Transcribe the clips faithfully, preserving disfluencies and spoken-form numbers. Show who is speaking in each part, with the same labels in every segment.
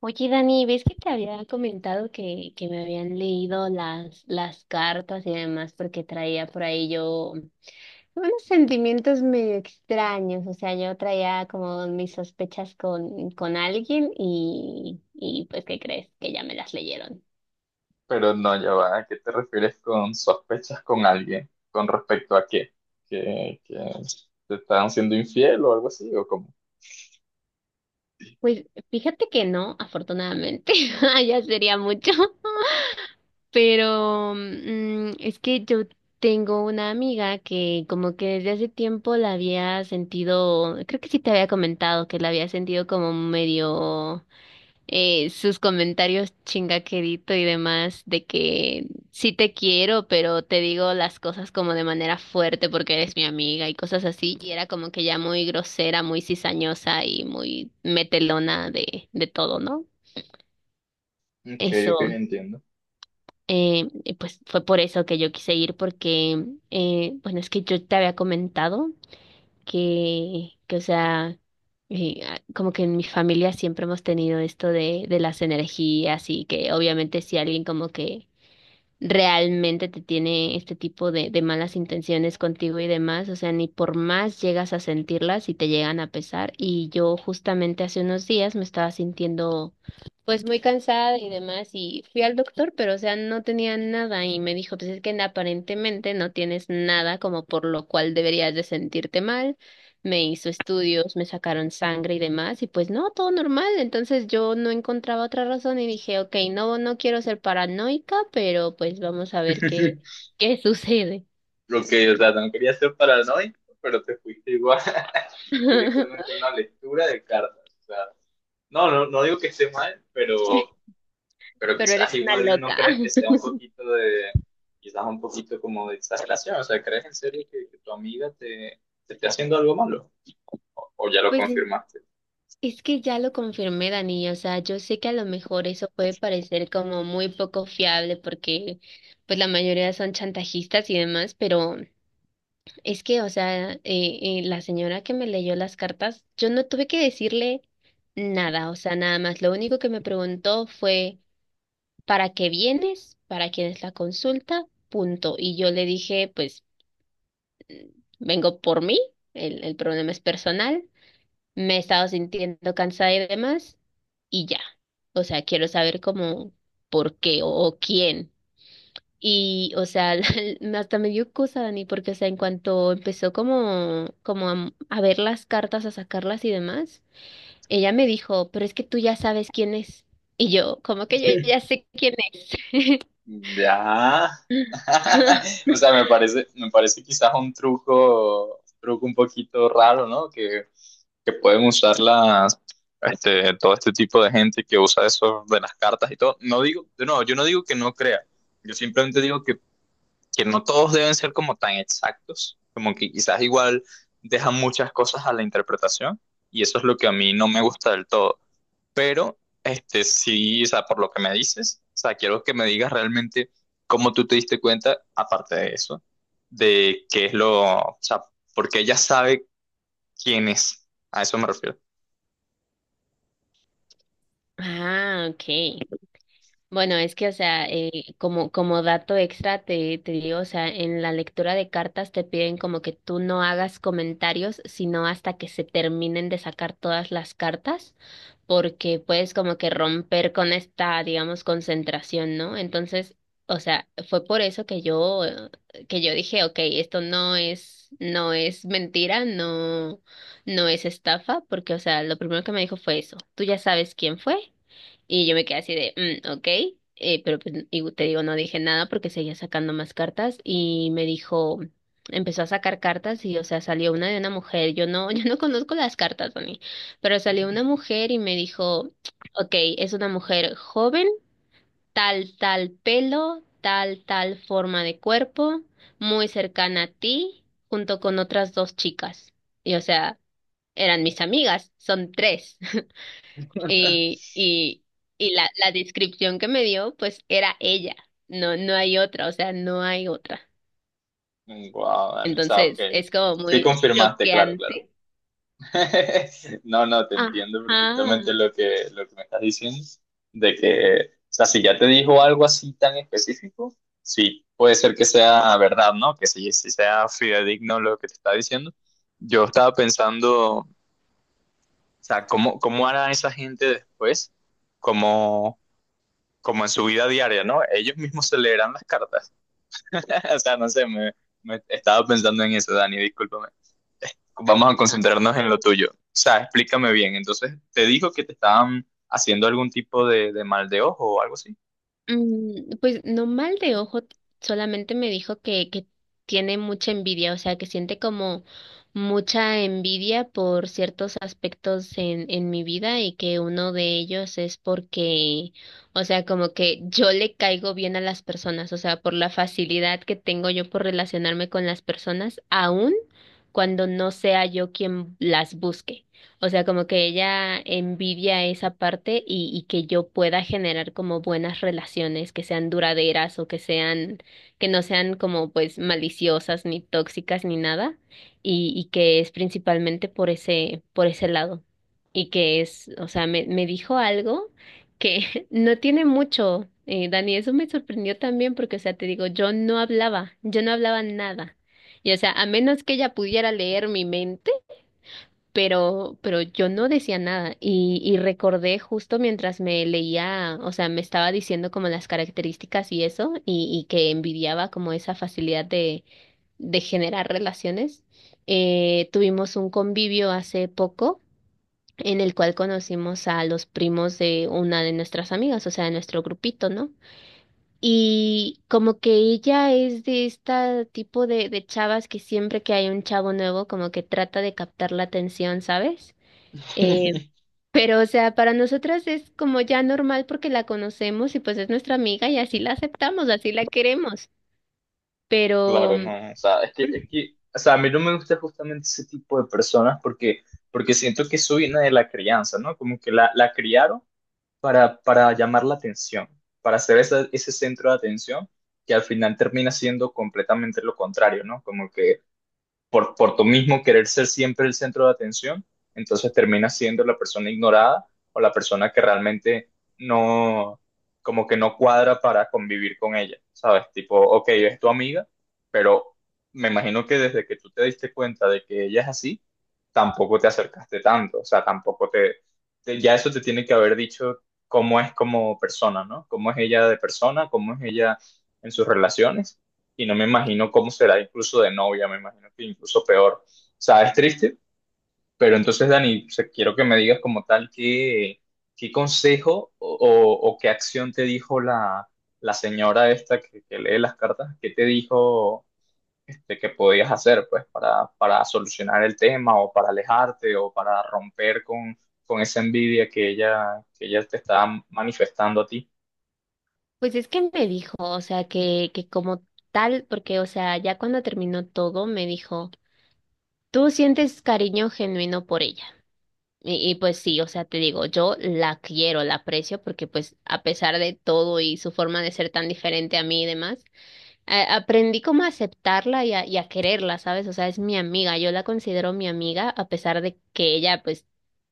Speaker 1: Oye, Dani, ¿ves que te había comentado que, que me habían leído las, las cartas y demás? Porque traía por ahí yo unos sentimientos medio extraños. O sea, yo traía como mis sospechas con, con alguien y, y pues, ¿qué crees? Que ya me las leyeron.
Speaker 2: Pero no, ya va. ¿A qué te refieres con sospechas con alguien? ¿Con respecto a qué? ¿Que, que te están siendo infiel o algo así? ¿O cómo?
Speaker 1: Pues fíjate que no, afortunadamente, ya sería mucho. Pero mm, es que yo tengo una amiga que como que desde hace tiempo la había sentido, creo que sí te había comentado que la había sentido como medio eh, sus comentarios chingaquerito y demás de que sí te quiero, pero te digo las cosas como de manera fuerte porque eres mi amiga y cosas así. Y era como que ya muy grosera, muy cizañosa y muy metelona de, de todo, ¿no?
Speaker 2: Ok, ok,
Speaker 1: Eso.
Speaker 2: entiendo.
Speaker 1: Eh, y pues fue por eso que yo quise ir, porque, eh, bueno, es que yo te había comentado que, que o sea, eh, a- como que en mi familia siempre hemos tenido esto de, de las energías y que obviamente si alguien como que realmente te tiene este tipo de, de malas intenciones contigo y demás, o sea, ni por más llegas a sentirlas y te llegan a pesar. Y yo justamente hace unos días me estaba sintiendo pues muy cansada y demás y fui al doctor, pero o sea, no tenía nada y me dijo, pues es que aparentemente no tienes nada como por lo cual deberías de sentirte mal. Me hizo estudios, me sacaron sangre y demás, y pues no, todo normal. Entonces yo no encontraba otra razón y dije, ok, no, no quiero ser paranoica, pero pues vamos a ver qué, qué sucede.
Speaker 2: Lo que, o sea, no quería ser paranoico, pero te fuiste igual directamente a una lectura de cartas. O sea, no, no, no digo que esté mal, pero, pero
Speaker 1: Pero eres
Speaker 2: quizás
Speaker 1: una
Speaker 2: igual no
Speaker 1: loca.
Speaker 2: crees que sea un poquito de, quizás un poquito como de exageración. O sea, ¿crees en serio que, que tu amiga te, te esté haciendo algo malo? ¿O ya lo
Speaker 1: Pues
Speaker 2: confirmaste?
Speaker 1: es que ya lo confirmé, Dani, o sea, yo sé que a lo mejor eso puede parecer como muy poco fiable porque pues la mayoría son chantajistas y demás, pero es que, o sea, eh, eh, la señora que me leyó las cartas, yo no tuve que decirle nada, o sea, nada más. Lo único que me preguntó fue, ¿para qué vienes? ¿Para quién es la consulta? Punto. Y yo le dije, pues, vengo por mí, el, el problema es personal, me he estado sintiendo cansada y demás, y ya. O sea, quiero saber cómo, por qué o o quién. Y, o sea, me- hasta me dio cosa, Dani, porque, o sea, en cuanto empezó como, como a, a ver las cartas, a sacarlas y demás, ella me dijo, pero es que tú ya sabes quién es. Y yo, ¿cómo que yo ya sé quién es?
Speaker 2: Ya. O sea, me parece, me parece quizás un truco, un truco un poquito raro, ¿no? Que, que pueden usar las, este, todo este tipo de gente que usa eso de las cartas y todo. No digo, no, yo no digo que no crea. Yo simplemente digo que, que no todos deben ser como tan exactos, como que quizás igual dejan muchas cosas a la interpretación y eso es lo que a mí no me gusta del todo. Pero, este, sí, o sea, por lo que me dices, o sea, quiero que me digas realmente cómo tú te diste cuenta, aparte de eso, de qué es lo, o sea, porque ella sabe quién es. A eso me refiero.
Speaker 1: Ah, ok. Bueno, es que, o sea, eh, como, como dato extra te, te digo, o sea, en la lectura de cartas te piden como que tú no hagas comentarios, sino hasta que se terminen de sacar todas las cartas, porque puedes como que romper con esta, digamos, concentración, ¿no? Entonces, o sea, fue por eso que yo, eh, que yo dije, ok, esto no es, no es mentira, no, no es estafa, porque, o sea, lo primero que me dijo fue eso. ¿Tú ya sabes quién fue? Y yo me quedé así de, mm, ok, eh, pero pues, y te digo, no dije nada porque seguía sacando más cartas y me dijo, empezó a sacar cartas y, o sea, salió una de una mujer, yo no, yo no conozco las cartas, Tony, pero salió una mujer y me dijo, ok, es una mujer joven, tal, tal pelo, tal, tal forma de cuerpo, muy cercana a ti, junto con otras dos chicas. Y, o sea, eran mis amigas, son tres. Y, y, y la, la descripción que me dio, pues era ella. No, no hay otra, o sea, no hay otra.
Speaker 2: Wow, o sea, ok.
Speaker 1: Entonces, es como
Speaker 2: Sí
Speaker 1: muy
Speaker 2: confirmaste, claro, claro.
Speaker 1: choqueante.
Speaker 2: No, no, te entiendo perfectamente
Speaker 1: Ajá.
Speaker 2: lo que, lo que me estás diciendo, de que, o sea, si ya te dijo algo así tan específico, sí, puede ser que sea verdad, ¿no? Que sí, sí sea fidedigno lo que te está diciendo. Yo estaba pensando, o sea, ¿cómo, cómo hará esa gente después? Como, como en su vida diaria, ¿no? Ellos mismos se leerán las cartas. O sea, no sé, me, me estaba pensando en eso, Dani, discúlpame vamos a concentrarnos en lo tuyo. O sea, explícame bien. Entonces, ¿te dijo que te estaban haciendo algún tipo de, de mal de ojo o algo así?
Speaker 1: Mm, pues no mal de ojo, t- solamente me dijo que, que tiene mucha envidia, o sea, que siente como mucha envidia por ciertos aspectos en, en mi vida y que uno de ellos es porque, o sea, como que yo le caigo bien a las personas, o sea, por la facilidad que tengo yo por relacionarme con las personas, aun cuando no sea yo quien las busque. O sea, como que ella envidia esa parte y, y que yo pueda generar como buenas relaciones que sean duraderas o que sean, que no sean como pues maliciosas ni tóxicas ni nada y, y que es principalmente por ese, por ese lado y que es, o sea, me, me dijo algo que no tiene mucho, eh, Dani, eso me sorprendió también porque, o sea, te digo, yo no hablaba, yo no hablaba nada. Y o sea, a menos que ella pudiera leer mi mente, pero, pero yo no decía nada y, y recordé justo mientras me leía, o sea, me estaba diciendo como las características y eso, y, y que envidiaba como esa facilidad de, de generar relaciones. Eh, tuvimos un convivio hace poco en el cual conocimos a los primos de una de nuestras amigas, o sea, de nuestro grupito, ¿no? Y como que ella es de este tipo de, de chavas que siempre que hay un chavo nuevo, como que trata de captar la atención, ¿sabes? Eh, pero, o sea, para nosotras es como ya normal porque la conocemos y pues es nuestra amiga y así la aceptamos, así la queremos. Pero,
Speaker 2: Claro,
Speaker 1: mm,
Speaker 2: no. O sea, es que, es que, o sea, a mí no me gusta justamente ese tipo de personas porque, porque siento que eso viene de la crianza, ¿no? Como que la, la criaron para, para llamar la atención, para ser esa- ese centro de atención que al final termina siendo completamente lo contrario, ¿no? Como que por, por tu mismo querer ser siempre el centro de atención, entonces terminas siendo la persona ignorada o la persona que realmente no, como que no cuadra para convivir con ella, ¿sabes? Tipo, ok, es tu amiga, pero me imagino que desde que tú te diste cuenta de que ella es así, tampoco te acercaste tanto, o sea, tampoco te, te- ya eso te tiene que haber dicho cómo es como persona, ¿no? Cómo es ella de persona, cómo es ella en sus relaciones y no me imagino cómo será incluso de novia, me imagino que incluso peor. O sea, es triste, pero entonces, Dani, o sea, quiero que me digas como tal qué, qué consejo o, o- o qué acción te dijo la, la señora esta que, que lee las cartas, qué te dijo este, que podías hacer pues para, para solucionar el tema o para alejarte o para romper con, con esa envidia que ella, que ella te está manifestando a ti.
Speaker 1: pues es que me dijo, o sea, que, que como tal, porque, o sea, ya cuando terminó todo, me dijo, tú sientes cariño genuino por ella. Y, y pues sí, o sea, te digo, yo la quiero, la aprecio porque pues a pesar de todo y su forma de ser tan diferente a mí y demás. A- aprendí como a aceptarla y a, y a quererla, ¿sabes? O sea, es mi amiga, yo la considero mi amiga, a pesar de que ella, pues,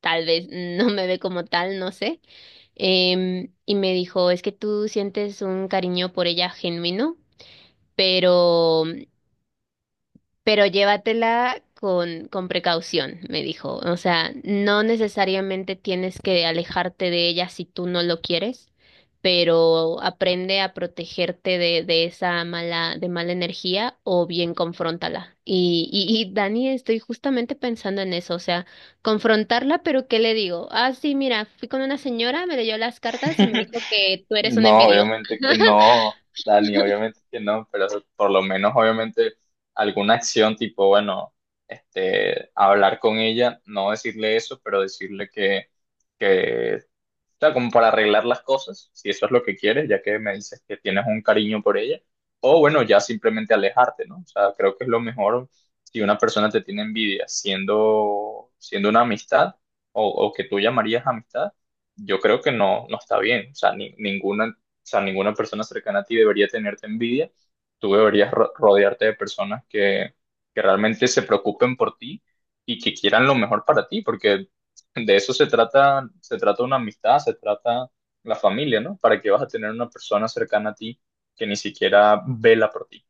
Speaker 1: tal vez no me ve como tal, no sé. Em, y me dijo, es que tú sientes un cariño por ella genuino, pero pero llévatela con, con precaución, me dijo. O sea, no necesariamente tienes que alejarte de ella si tú no lo quieres, pero aprende a protegerte de, de esa mala, de mala energía o bien confróntala. Y, y, y Dani, estoy justamente pensando en eso, o sea, confrontarla, pero ¿qué le digo? Ah, sí, mira, fui con una señora, me leyó las cartas y me dijo que tú eres una
Speaker 2: No,
Speaker 1: envidiosa.
Speaker 2: obviamente que no, Dani, obviamente que no, pero por lo menos obviamente alguna acción tipo, bueno, este, hablar con ella, no decirle eso, pero decirle que, que sea, como para arreglar las cosas, si eso es lo que quieres, ya que me dices que tienes un cariño por ella, o bueno, ya simplemente alejarte, ¿no? O sea, creo que es lo mejor si una persona te tiene envidia siendo, siendo una amistad o, o que tú llamarías amistad, yo creo que no, no está bien, o sea, ni- ninguna, o sea, ninguna persona cercana a ti debería tenerte envidia, tú deberías ro- rodearte de personas que, que realmente se preocupen por ti y que quieran lo mejor para ti, porque de eso se trata, se trata una amistad, se trata la familia, ¿no? ¿Para qué vas a tener una persona cercana a ti que ni siquiera vela por ti?